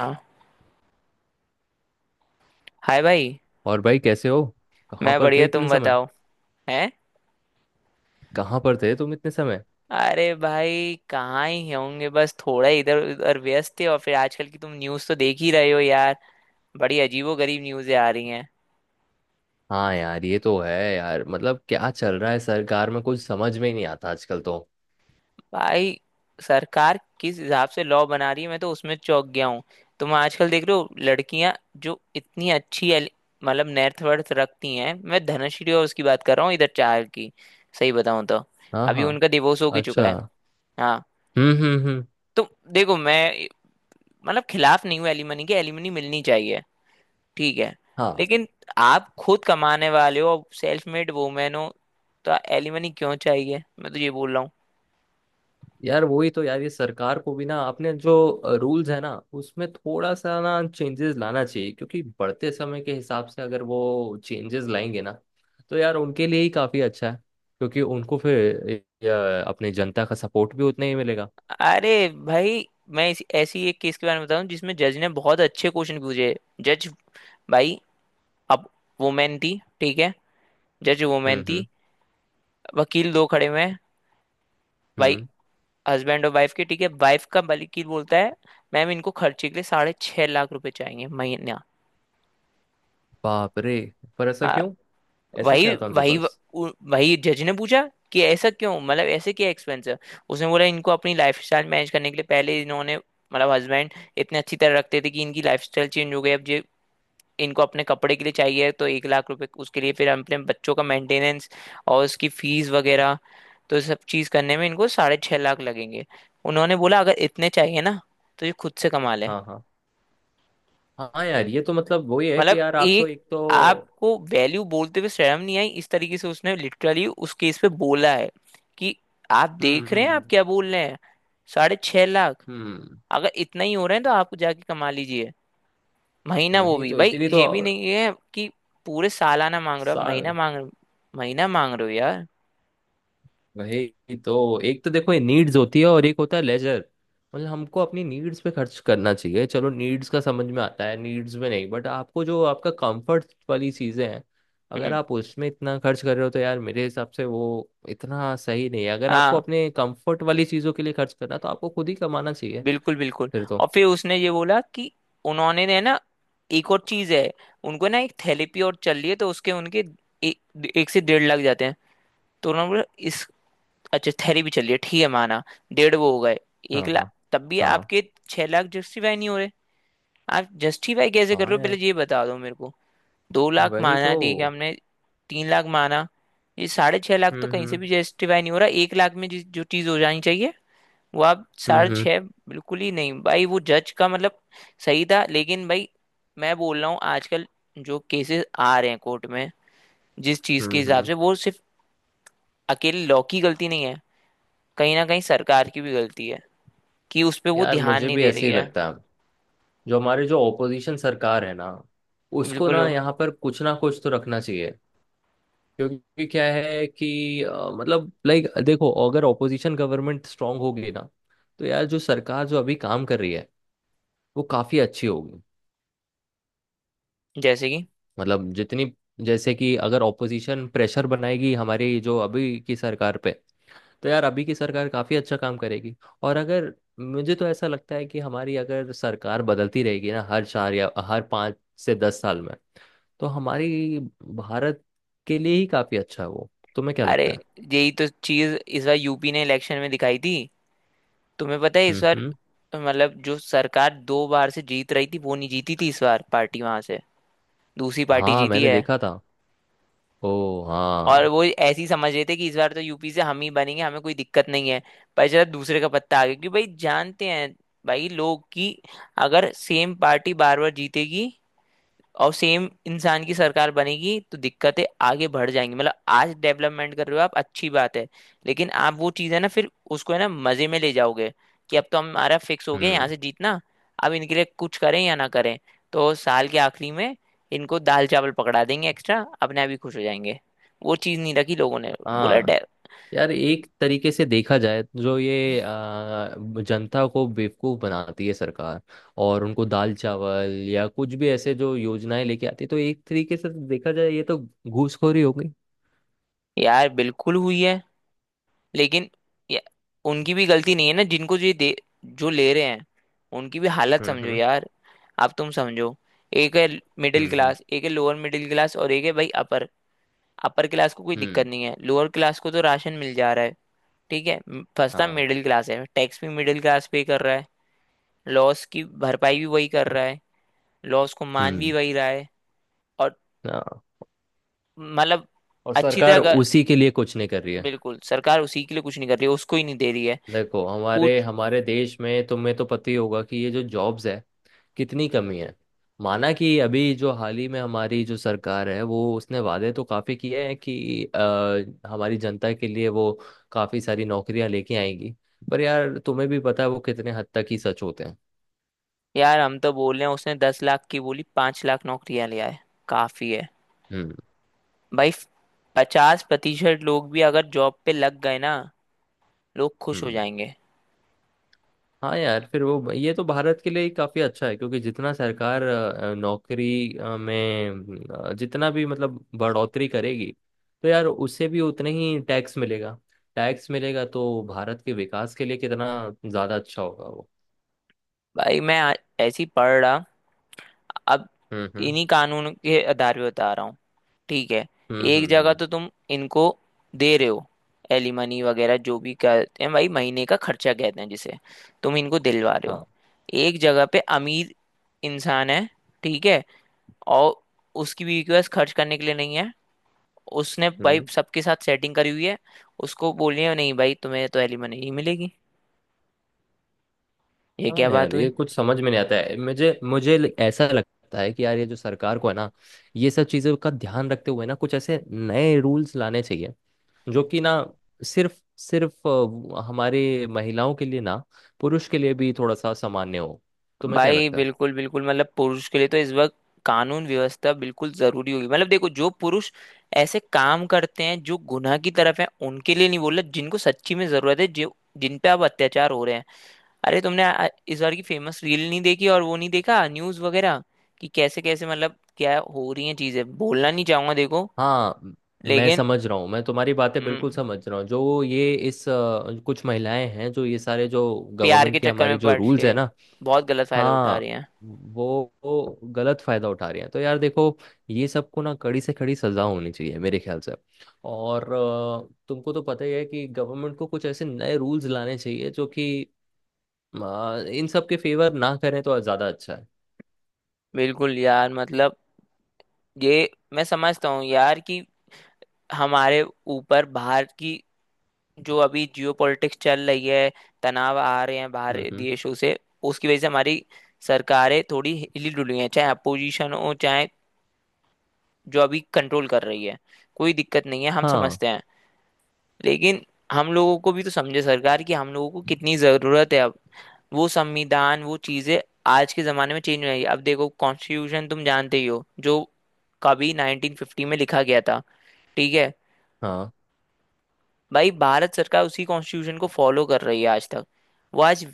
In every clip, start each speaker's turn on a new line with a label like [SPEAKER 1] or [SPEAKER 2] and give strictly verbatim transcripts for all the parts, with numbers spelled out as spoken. [SPEAKER 1] हाँ। हाय भाई।
[SPEAKER 2] और भाई, कैसे हो? कहाँ
[SPEAKER 1] मैं
[SPEAKER 2] पर थे
[SPEAKER 1] बढ़िया, तुम
[SPEAKER 2] इतने समय?
[SPEAKER 1] बताओ। हैं।
[SPEAKER 2] कहाँ पर थे तुम इतने समय?
[SPEAKER 1] अरे भाई कहाँ ही होंगे, बस थोड़ा इधर उधर व्यस्त थे। और फिर आजकल की तुम न्यूज़ तो देख ही रहे हो यार। बड़ी अजीबो गरीब न्यूज़ें आ रही हैं।
[SPEAKER 2] हाँ यार ये तो है यार। मतलब क्या चल रहा है सरकार में, कुछ समझ में ही नहीं आता आजकल तो।
[SPEAKER 1] भाई सरकार किस हिसाब से लॉ बना रही है, मैं तो उसमें चौंक गया हूँ। तुम आजकल देख रहे हो लड़कियां जो इतनी अच्छी एल- मतलब नेट वर्थ रखती हैं। मैं धनश्री और उसकी बात कर रहा हूँ, इधर चार की। सही बताऊँ तो
[SPEAKER 2] हाँ,
[SPEAKER 1] अभी
[SPEAKER 2] हाँ।
[SPEAKER 1] उनका डिवोर्स हो भी चुका है।
[SPEAKER 2] अच्छा।
[SPEAKER 1] हाँ।
[SPEAKER 2] हम्म, हम्म, हम्म।
[SPEAKER 1] तो देखो मैं मतलब खिलाफ नहीं हूँ एलिमनी के। एलिमनी मिलनी चाहिए, ठीक है।
[SPEAKER 2] हाँ
[SPEAKER 1] लेकिन आप खुद कमाने वाले हो, सेल्फ मेड वुमेन हो, तो एलिमनी क्यों चाहिए, मैं तो ये बोल रहा हूँ।
[SPEAKER 2] यार वही तो यार। ये सरकार को भी ना अपने जो रूल्स है ना उसमें थोड़ा सा ना चेंजेस लाना चाहिए, क्योंकि बढ़ते समय के हिसाब से अगर वो चेंजेस लाएंगे ना तो यार उनके लिए ही काफी अच्छा है, क्योंकि उनको फिर अ, अपने जनता का सपोर्ट भी उतना ही मिलेगा।
[SPEAKER 1] अरे भाई, मैं इस, ऐसी एक केस के बारे में बताऊं जिसमें जज ने बहुत अच्छे क्वेश्चन पूछे। जज, भाई, अब वुमेन थी, ठीक है। जज
[SPEAKER 2] हम्म,
[SPEAKER 1] वुमेन थी।
[SPEAKER 2] हम्म,
[SPEAKER 1] वकील दो खड़े हुए हैं भाई,
[SPEAKER 2] हम्म।
[SPEAKER 1] हस्बैंड और वाइफ के, ठीक है। वाइफ का वकील बोलता है मैम इनको खर्चे के लिए साढ़े छह लाख रुपए चाहिए महीना।
[SPEAKER 2] बाप रे। पर ऐसा
[SPEAKER 1] हाँ,
[SPEAKER 2] क्यों? ऐसा
[SPEAKER 1] वही
[SPEAKER 2] क्या था आपके
[SPEAKER 1] वही
[SPEAKER 2] पास?
[SPEAKER 1] उ- वही जज ने पूछा कि ऐसा क्यों, मतलब ऐसे क्या एक्सपेंस है। उसने बोला इनको अपनी लाइफ स्टाइल मैनेज करने के लिए पहले इन्होंने मतलब हस्बैंड इतने अच्छी तरह रखते थे कि इनकी लाइफ स्टाइल चेंज हो गई। अब ये इनको अपने कपड़े के लिए चाहिए तो एक लाख रुपए, उसके लिए फिर अपने बच्चों का मेंटेनेंस और उसकी फीस वगैरह। तो सब चीज करने में इनको साढ़े छह लाख लगेंगे। उन्होंने बोला अगर इतने चाहिए ना तो ये खुद से कमा ले।
[SPEAKER 2] हाँ, हाँ। हाँ यार ये तो मतलब वही है कि
[SPEAKER 1] मतलब
[SPEAKER 2] यार आप तो
[SPEAKER 1] एक,
[SPEAKER 2] एक तो।
[SPEAKER 1] आपको वैल्यू बोलते हुए शर्म नहीं आई? इस तरीके से उसने लिटरली उस केस पे बोला है कि आप
[SPEAKER 2] हम्म,
[SPEAKER 1] देख रहे हैं
[SPEAKER 2] हम्म,
[SPEAKER 1] आप क्या बोल रहे हैं। साढ़े छह लाख।
[SPEAKER 2] हम्म, हम्म।
[SPEAKER 1] अगर इतना ही हो रहे हैं तो आप जाके कमा लीजिए। महीना, वो
[SPEAKER 2] वही
[SPEAKER 1] भी
[SPEAKER 2] तो
[SPEAKER 1] भाई,
[SPEAKER 2] इतनी तो।
[SPEAKER 1] ये भी नहीं है कि पूरे सालाना मांग रहे हो आप, महीना
[SPEAKER 2] साल।
[SPEAKER 1] मांग, महीना मांग रहे हो यार।
[SPEAKER 2] वही तो एक तो, देखो ये नीड्स होती है और एक होता है लेजर। मतलब हमको अपनी नीड्स पे खर्च करना चाहिए। चलो नीड्स का समझ में आता है, नीड्स में नहीं, बट आपको जो आपका कंफर्ट वाली चीज़ें हैं, अगर
[SPEAKER 1] हम्म।
[SPEAKER 2] आप उसमें इतना खर्च कर रहे हो तो यार मेरे हिसाब से वो इतना सही नहीं है। अगर आपको
[SPEAKER 1] हाँ।
[SPEAKER 2] अपने कंफर्ट वाली चीज़ों के लिए खर्च करना तो आपको खुद ही कमाना चाहिए।
[SPEAKER 1] बिल्कुल बिल्कुल।
[SPEAKER 2] फिर
[SPEAKER 1] और
[SPEAKER 2] तो।
[SPEAKER 1] फिर उसने ये बोला कि उन्होंने ने ना एक और चीज है, उनको ना एक थेरेपी और चल रही है तो उसके उनके ए, एक से डेढ़ लाख जाते हैं। तो उन्होंने बोला इस अच्छा थेरेपी चल रही है, ठीक है, माना। डेढ़ वो हो गए, एक
[SPEAKER 2] हाँ,
[SPEAKER 1] लाख
[SPEAKER 2] हाँ।
[SPEAKER 1] तब भी
[SPEAKER 2] हाँ,
[SPEAKER 1] आपके। छह लाख जस्टिफाई नहीं हो रहे, आप जस्टिफाई कैसे कर
[SPEAKER 2] हाँ।
[SPEAKER 1] रहे हो, पहले
[SPEAKER 2] यार
[SPEAKER 1] ये बता दो मेरे को। दो लाख
[SPEAKER 2] वही
[SPEAKER 1] माना
[SPEAKER 2] तो।
[SPEAKER 1] ठीक है हमने, तीन लाख माना। ये साढ़े छह लाख तो
[SPEAKER 2] हम्म,
[SPEAKER 1] कहीं से
[SPEAKER 2] हम्म,
[SPEAKER 1] भी जस्टिफाई नहीं हो रहा। एक लाख में जिस जो चीज़ हो जानी चाहिए, वो आप साढ़े
[SPEAKER 2] हम्म,
[SPEAKER 1] छह, बिल्कुल ही नहीं भाई। वो जज का मतलब सही था, लेकिन भाई मैं बोल रहा हूँ आजकल जो केसेस आ रहे हैं कोर्ट में, जिस चीज़ के
[SPEAKER 2] हम्म, हम्म,
[SPEAKER 1] हिसाब
[SPEAKER 2] हम्म।
[SPEAKER 1] से, वो सिर्फ अकेले लॉ की गलती नहीं है। कहीं ना कहीं सरकार की भी गलती है कि उस पे वो
[SPEAKER 2] यार
[SPEAKER 1] ध्यान
[SPEAKER 2] मुझे
[SPEAKER 1] नहीं
[SPEAKER 2] भी
[SPEAKER 1] दे
[SPEAKER 2] ऐसे
[SPEAKER 1] रही
[SPEAKER 2] ही
[SPEAKER 1] है।
[SPEAKER 2] लगता है। जो हमारे जो ओपोजिशन सरकार है ना, उसको
[SPEAKER 1] बिल्कुल।
[SPEAKER 2] ना यहाँ पर कुछ ना कुछ तो रखना चाहिए। क्योंकि क्या है कि अ, मतलब लाइक देखो, अगर ओपोजिशन गवर्नमेंट स्ट्रांग होगी ना, तो यार जो सरकार जो अभी काम कर रही है वो काफी अच्छी होगी।
[SPEAKER 1] जैसे कि,
[SPEAKER 2] मतलब जितनी, जैसे कि अगर ओपोजिशन प्रेशर बनाएगी हमारी जो अभी की सरकार पे, तो यार अभी की सरकार काफी अच्छा काम करेगी। और अगर मुझे तो ऐसा लगता है कि हमारी अगर सरकार बदलती रहेगी ना हर चार या हर पाँच से दस साल में, तो हमारी भारत के लिए ही काफी अच्छा है वो। तुम्हें क्या
[SPEAKER 1] अरे
[SPEAKER 2] लगता है?
[SPEAKER 1] यही तो चीज इस बार यूपी ने इलेक्शन में दिखाई थी। तुम्हें पता है इस
[SPEAKER 2] हम्म,
[SPEAKER 1] बार
[SPEAKER 2] हम्म।
[SPEAKER 1] मतलब जो सरकार दो बार से जीत रही थी वो नहीं जीती थी, इस बार पार्टी वहां से दूसरी पार्टी
[SPEAKER 2] हाँ
[SPEAKER 1] जीती
[SPEAKER 2] मैंने
[SPEAKER 1] है।
[SPEAKER 2] देखा था। ओ।
[SPEAKER 1] और
[SPEAKER 2] हाँ।
[SPEAKER 1] वो ऐसी समझ रहे थे कि इस बार तो यूपी से हम ही बनेंगे, हमें कोई दिक्कत नहीं है। पर जरा दूसरे का पत्ता आ गया, क्योंकि भाई जानते हैं भाई लोग कि अगर सेम पार्टी बार बार जीतेगी और सेम इंसान की सरकार बनेगी तो दिक्कतें आगे बढ़ जाएंगी। मतलब आज डेवलपमेंट कर रहे हो आप, अच्छी बात है। लेकिन आप वो चीज़ है ना, फिर उसको है ना मजे में ले जाओगे कि अब तो हमारा फिक्स हो गया यहाँ
[SPEAKER 2] हम्म।
[SPEAKER 1] से जीतना, अब इनके लिए कुछ करें या ना करें। तो साल के आखिरी में इनको दाल चावल पकड़ा देंगे एक्स्ट्रा, अपने आप ही खुश हो जाएंगे। वो चीज़ नहीं रखी लोगों ने, बोला
[SPEAKER 2] हाँ
[SPEAKER 1] डे।
[SPEAKER 2] यार एक तरीके से देखा जाए तो जो ये आ, जनता को बेवकूफ बनाती है सरकार, और उनको दाल चावल या कुछ भी ऐसे जो योजनाएं लेके आती है तो एक तरीके से तो देखा जाए ये तो घूसखोरी हो गई।
[SPEAKER 1] यार बिल्कुल हुई है, लेकिन ये- उनकी भी गलती नहीं है ना जिनको ये दे, जो ले रहे हैं उनकी भी हालत
[SPEAKER 2] हम्म,
[SPEAKER 1] समझो
[SPEAKER 2] हम्म,
[SPEAKER 1] यार। अब तुम समझो, एक है मिडिल
[SPEAKER 2] हम्म, हम्म,
[SPEAKER 1] क्लास, एक है लोअर मिडिल क्लास, और एक है भाई अपर। अपर क्लास को कोई
[SPEAKER 2] हम्म।
[SPEAKER 1] दिक्कत नहीं है, लोअर क्लास को तो राशन मिल जा रहा है, ठीक है। म- फंसता
[SPEAKER 2] हाँ।
[SPEAKER 1] मिडिल क्लास है। टैक्स भी मिडिल क्लास पे कर रहा है, लॉस की भरपाई भी वही कर रहा है, लॉस को मान भी
[SPEAKER 2] हम्म।
[SPEAKER 1] वही रहा है। और
[SPEAKER 2] हाँ।
[SPEAKER 1] मतलब
[SPEAKER 2] और
[SPEAKER 1] अच्छी तरह
[SPEAKER 2] सरकार
[SPEAKER 1] अगर-
[SPEAKER 2] उसी के लिए कुछ नहीं कर रही है।
[SPEAKER 1] बिल्कुल सरकार उसी के लिए कुछ नहीं कर रही है, उसको ही नहीं दे रही है।
[SPEAKER 2] देखो हमारे
[SPEAKER 1] पूछ।
[SPEAKER 2] हमारे देश में तुम्हें तो पता ही होगा कि ये जो जॉब्स है कितनी कमी है। माना कि अभी जो हाल ही में हमारी जो सरकार है वो उसने वादे तो काफी किए हैं कि अ, हमारी जनता के लिए वो काफी सारी नौकरियां लेके आएगी। पर यार तुम्हें भी पता है वो कितने हद तक ही सच होते हैं।
[SPEAKER 1] यार हम तो बोल रहे हैं उसने दस लाख की बोली, पांच लाख नौकरियां लिया है, काफी है
[SPEAKER 2] हम्म,
[SPEAKER 1] भाई। पचास प्रतिशत लोग भी अगर जॉब पे लग गए ना, लोग खुश हो
[SPEAKER 2] हम्म।
[SPEAKER 1] जाएंगे।
[SPEAKER 2] हाँ यार फिर वो ये तो भारत के लिए ही काफी अच्छा है, क्योंकि जितना सरकार अ, नौकरी अ, में अ, जितना भी मतलब बढ़ोतरी करेगी, तो यार उससे भी उतने ही टैक्स मिलेगा। टैक्स मिलेगा तो भारत के विकास के लिए कितना ज्यादा अच्छा होगा वो।
[SPEAKER 1] भाई मैं आ- ऐसी पढ़ रहा, अब
[SPEAKER 2] हम्म, हम्म,
[SPEAKER 1] इन्हीं कानून के आधार पे बता रहा हूँ, ठीक है।
[SPEAKER 2] हम्म,
[SPEAKER 1] एक
[SPEAKER 2] हम्म,
[SPEAKER 1] जगह
[SPEAKER 2] हम्म।
[SPEAKER 1] तो तुम इनको दे रहे हो एलिमनी वगैरह जो भी कहते हैं भाई, महीने का खर्चा कहते हैं जिसे, तुम इनको दिलवा रहे हो।
[SPEAKER 2] हाँ।
[SPEAKER 1] एक जगह पे अमीर इंसान है, ठीक है, और उसकी बीवी के पास खर्च करने के लिए नहीं है, उसने भाई
[SPEAKER 2] हम्म।
[SPEAKER 1] सबके साथ सेटिंग करी हुई है, उसको बोलिए नहीं भाई तुम्हें तो एलिमनी नहीं मिलेगी। ये
[SPEAKER 2] हाँ।
[SPEAKER 1] क्या बात
[SPEAKER 2] यार ये
[SPEAKER 1] हुई।
[SPEAKER 2] कुछ समझ में नहीं आता है। मुझे मुझे ल- ऐसा लगता है कि यार ये जो सरकार को है ना, ये सब चीजों का ध्यान रखते हुए ना कुछ ऐसे नए रूल्स लाने चाहिए, जो कि ना सिर्फ सिर्फ अ, हमारे महिलाओं के लिए ना, पुरुष के लिए भी थोड़ा सा सामान्य हो। तुम्हें क्या
[SPEAKER 1] भाई
[SPEAKER 2] लगता है?
[SPEAKER 1] बिल्कुल बिल्कुल, मतलब पुरुष के लिए तो इस वक्त कानून व्यवस्था बिल्कुल जरूरी होगी। मतलब देखो जो पुरुष ऐसे काम करते हैं जो गुनाह की तरफ है उनके लिए नहीं बोल रहा, जिनको सच्ची में जरूरत है जो जिन पे अब अत्याचार हो रहे हैं। अरे तुमने आ- इस बार की फेमस रील नहीं देखी और वो नहीं देखा न्यूज वगैरह कि कैसे कैसे मतलब क्या हो रही हैं चीजें। बोलना नहीं चाहूंगा देखो,
[SPEAKER 2] हाँ, म- मैं
[SPEAKER 1] लेकिन।
[SPEAKER 2] समझ रहा हूँ, मैं तुम्हारी बातें
[SPEAKER 1] हम्म,
[SPEAKER 2] बिल्कुल समझ रहा हूँ, जो ये इस अ, कुछ महिलाएं हैं जो ये सारे जो
[SPEAKER 1] प्यार के
[SPEAKER 2] गवर्नमेंट के
[SPEAKER 1] चक्कर
[SPEAKER 2] हमारे
[SPEAKER 1] में
[SPEAKER 2] जो
[SPEAKER 1] पड़
[SPEAKER 2] रूल्स है
[SPEAKER 1] के
[SPEAKER 2] ना।
[SPEAKER 1] बहुत गलत फायदा उठा रहे
[SPEAKER 2] हाँ।
[SPEAKER 1] हैं।
[SPEAKER 2] वो, वो गलत फायदा उठा रही हैं तो यार देखो, ये सबको ना कड़ी से कड़ी सजा होनी चाहिए मेरे ख्याल से। और अ, तुमको तो पता ही है कि गवर्नमेंट को कुछ ऐसे नए रूल्स लाने चाहिए जो कि आ, इन सब के फेवर ना करें तो ज्यादा अच्छा है।
[SPEAKER 1] बिल्कुल यार, मतलब ये मैं समझता हूँ यार कि हमारे ऊपर बाहर की जो अभी जियो पॉलिटिक्स चल रही है, तनाव आ रहे हैं बाहर
[SPEAKER 2] हम्म, हम्म।
[SPEAKER 1] देशों से, उसकी वजह से हमारी सरकारें थोड़ी हिली डुली हैं, चाहे अपोजिशन हो चाहे जो अभी कंट्रोल कर रही है, कोई दिक्कत नहीं है, हम
[SPEAKER 2] हाँ,
[SPEAKER 1] समझते हैं। लेकिन हम लोगों को भी तो समझे सरकार, कि हम लोगों को कितनी ज़रूरत है अब। वो संविधान, वो चीज़ें आज के ज़माने में चेंज हो रही है। अब देखो कॉन्स्टिट्यूशन तुम जानते ही हो जो कभी नाइनटीन फिफ्टी में लिखा गया था, ठीक है।
[SPEAKER 2] हाँ,
[SPEAKER 1] भाई भारत सरकार उसी कॉन्स्टिट्यूशन को फॉलो कर रही है आज तक। वो आज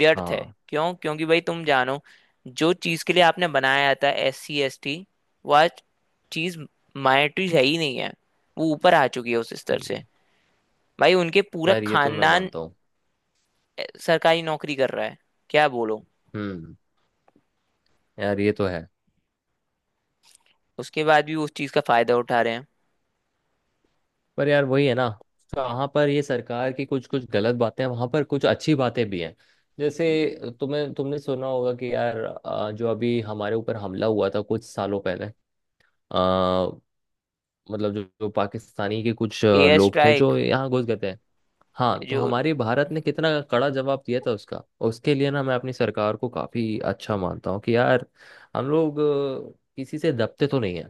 [SPEAKER 1] व्यर्थ है।
[SPEAKER 2] हाँ।
[SPEAKER 1] क्यों? क्योंकि भाई तुम जानो जो चीज के लिए आपने बनाया था एस सी एस टी, वो आज चीज माइनॉरिटी है ही नहीं है, वो ऊपर आ चुकी है उस स्तर से।
[SPEAKER 2] हम्म।
[SPEAKER 1] भाई उनके पूरा
[SPEAKER 2] यार ये तो मैं
[SPEAKER 1] खानदान
[SPEAKER 2] मानता हूँ।
[SPEAKER 1] अ, सरकारी नौकरी कर रहा है, क्या बोलो।
[SPEAKER 2] हम्म। यार ये तो है।
[SPEAKER 1] उसके बाद भी वो उस चीज का फायदा उठा रहे हैं।
[SPEAKER 2] पर यार वही है ना, कहाँ पर ये सरकार की कुछ कुछ गलत बातें हैं वहां पर कुछ अच्छी बातें भी हैं। जैसे तुम्हें तुमने सुना होगा कि यार आ, जो अभी हमारे ऊपर हमला हुआ था कुछ सालों पहले आ, मतलब जो, जो पाकिस्तानी के कुछ आ,
[SPEAKER 1] एयर
[SPEAKER 2] लोग थे
[SPEAKER 1] स्ट्राइक।
[SPEAKER 2] जो यहाँ घुस गए थे। हाँ तो
[SPEAKER 1] जो,
[SPEAKER 2] हमारे भारत ने कितना कड़ा जवाब दिया था उसका। उसके लिए ना मैं अपनी सरकार को काफी अच्छा मानता हूँ कि यार हम लोग अ, किसी से दबते तो नहीं है।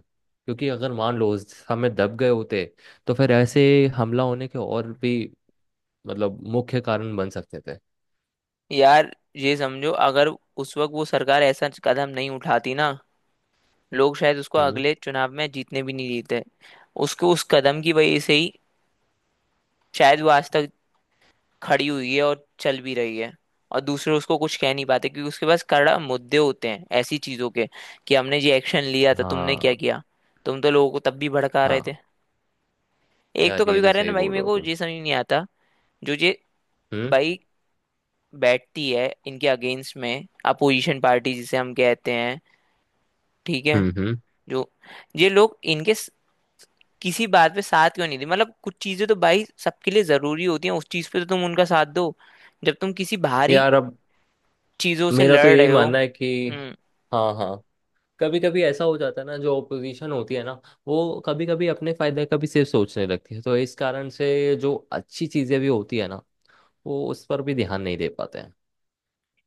[SPEAKER 2] क्योंकि अगर मान लो उस हमें दब गए होते, तो फिर ऐसे हमला होने के और भी मतलब मुख्य कारण बन सकते थे।
[SPEAKER 1] यार ये समझो अगर उस वक्त वो सरकार ऐसा कदम नहीं उठाती ना, लोग शायद उसको
[SPEAKER 2] हम्म।
[SPEAKER 1] अगले चुनाव में जीतने भी नहीं देते। उसको उस कदम की वजह से ही शायद वो आज तक खड़ी हुई है और चल भी रही है। और दूसरे उसको कुछ कह नहीं पाते क्योंकि उसके पास कड़ा मुद्दे होते हैं ऐसी चीजों के, कि हमने ये एक्शन लिया था, तुमने क्या
[SPEAKER 2] हाँ,
[SPEAKER 1] किया। तुम तो लोगों को तब भी भड़का रहे
[SPEAKER 2] हाँ।
[SPEAKER 1] थे। एक तो
[SPEAKER 2] यार
[SPEAKER 1] कभी
[SPEAKER 2] ये
[SPEAKER 1] कह
[SPEAKER 2] तो
[SPEAKER 1] रहे ना
[SPEAKER 2] सही
[SPEAKER 1] भाई,
[SPEAKER 2] बोल
[SPEAKER 1] मेरे
[SPEAKER 2] रहे हो
[SPEAKER 1] को
[SPEAKER 2] तुम।
[SPEAKER 1] ये समझ नहीं आता जो ये
[SPEAKER 2] हम्म,
[SPEAKER 1] भाई बैठती है इनके अगेंस्ट में अपोजिशन पार्टी जिसे हम कहते हैं, ठीक है।
[SPEAKER 2] हम्म, हम्म।
[SPEAKER 1] जो ये लोग इनके किसी बात पे साथ क्यों नहीं दी, मतलब कुछ चीजें तो भाई सबके लिए जरूरी होती हैं, उस चीज पे तो तुम उनका साथ दो जब तुम किसी बाहरी
[SPEAKER 2] यार अब
[SPEAKER 1] चीजों से
[SPEAKER 2] मेरा तो
[SPEAKER 1] लड़
[SPEAKER 2] यही
[SPEAKER 1] रहे हो।
[SPEAKER 2] मानना है कि।
[SPEAKER 1] हम्म।
[SPEAKER 2] हाँ, हाँ। कभी कभी ऐसा हो जाता है ना, जो ओपोजिशन होती है ना, वो कभी कभी अपने फायदे का भी सिर्फ सोचने लगती है, तो इस कारण से जो अच्छी चीजें भी होती है ना, वो उस पर भी ध्यान नहीं दे पाते हैं।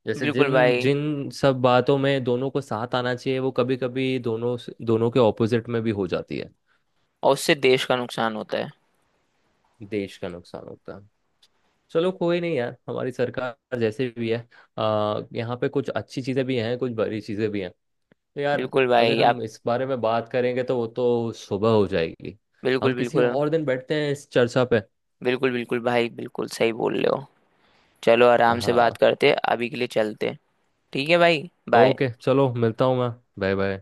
[SPEAKER 2] जैसे
[SPEAKER 1] बिल्कुल
[SPEAKER 2] जिन
[SPEAKER 1] भाई।
[SPEAKER 2] जिन सब बातों में दोनों को साथ आना चाहिए वो कभी कभी दोनों दोनों के ऑपोजिट में भी हो जाती है।
[SPEAKER 1] और उससे देश का नुकसान होता है।
[SPEAKER 2] देश का नुकसान होता है। चलो कोई नहीं यार, हमारी सरकार जैसे भी है, आ, यहाँ पे कुछ अच्छी चीजें भी हैं कुछ बुरी चीजें भी हैं। तो यार
[SPEAKER 1] बिल्कुल
[SPEAKER 2] अगर
[SPEAKER 1] भाई आप।
[SPEAKER 2] हम इस बारे में बात करेंगे तो वो तो सुबह हो जाएगी।
[SPEAKER 1] बिल्कुल
[SPEAKER 2] हम किसी
[SPEAKER 1] बिल्कुल।
[SPEAKER 2] और दिन बैठते हैं इस चर्चा पे।
[SPEAKER 1] बिल्कुल बिल्कुल भाई, बिल्कुल सही बोल रहे हो। चलो आराम से बात
[SPEAKER 2] हाँ।
[SPEAKER 1] करते, अभी के लिए चलते। ठीक है भाई, बाय।
[SPEAKER 2] ओके चलो, मिलता हूँ मैं। Bye bye.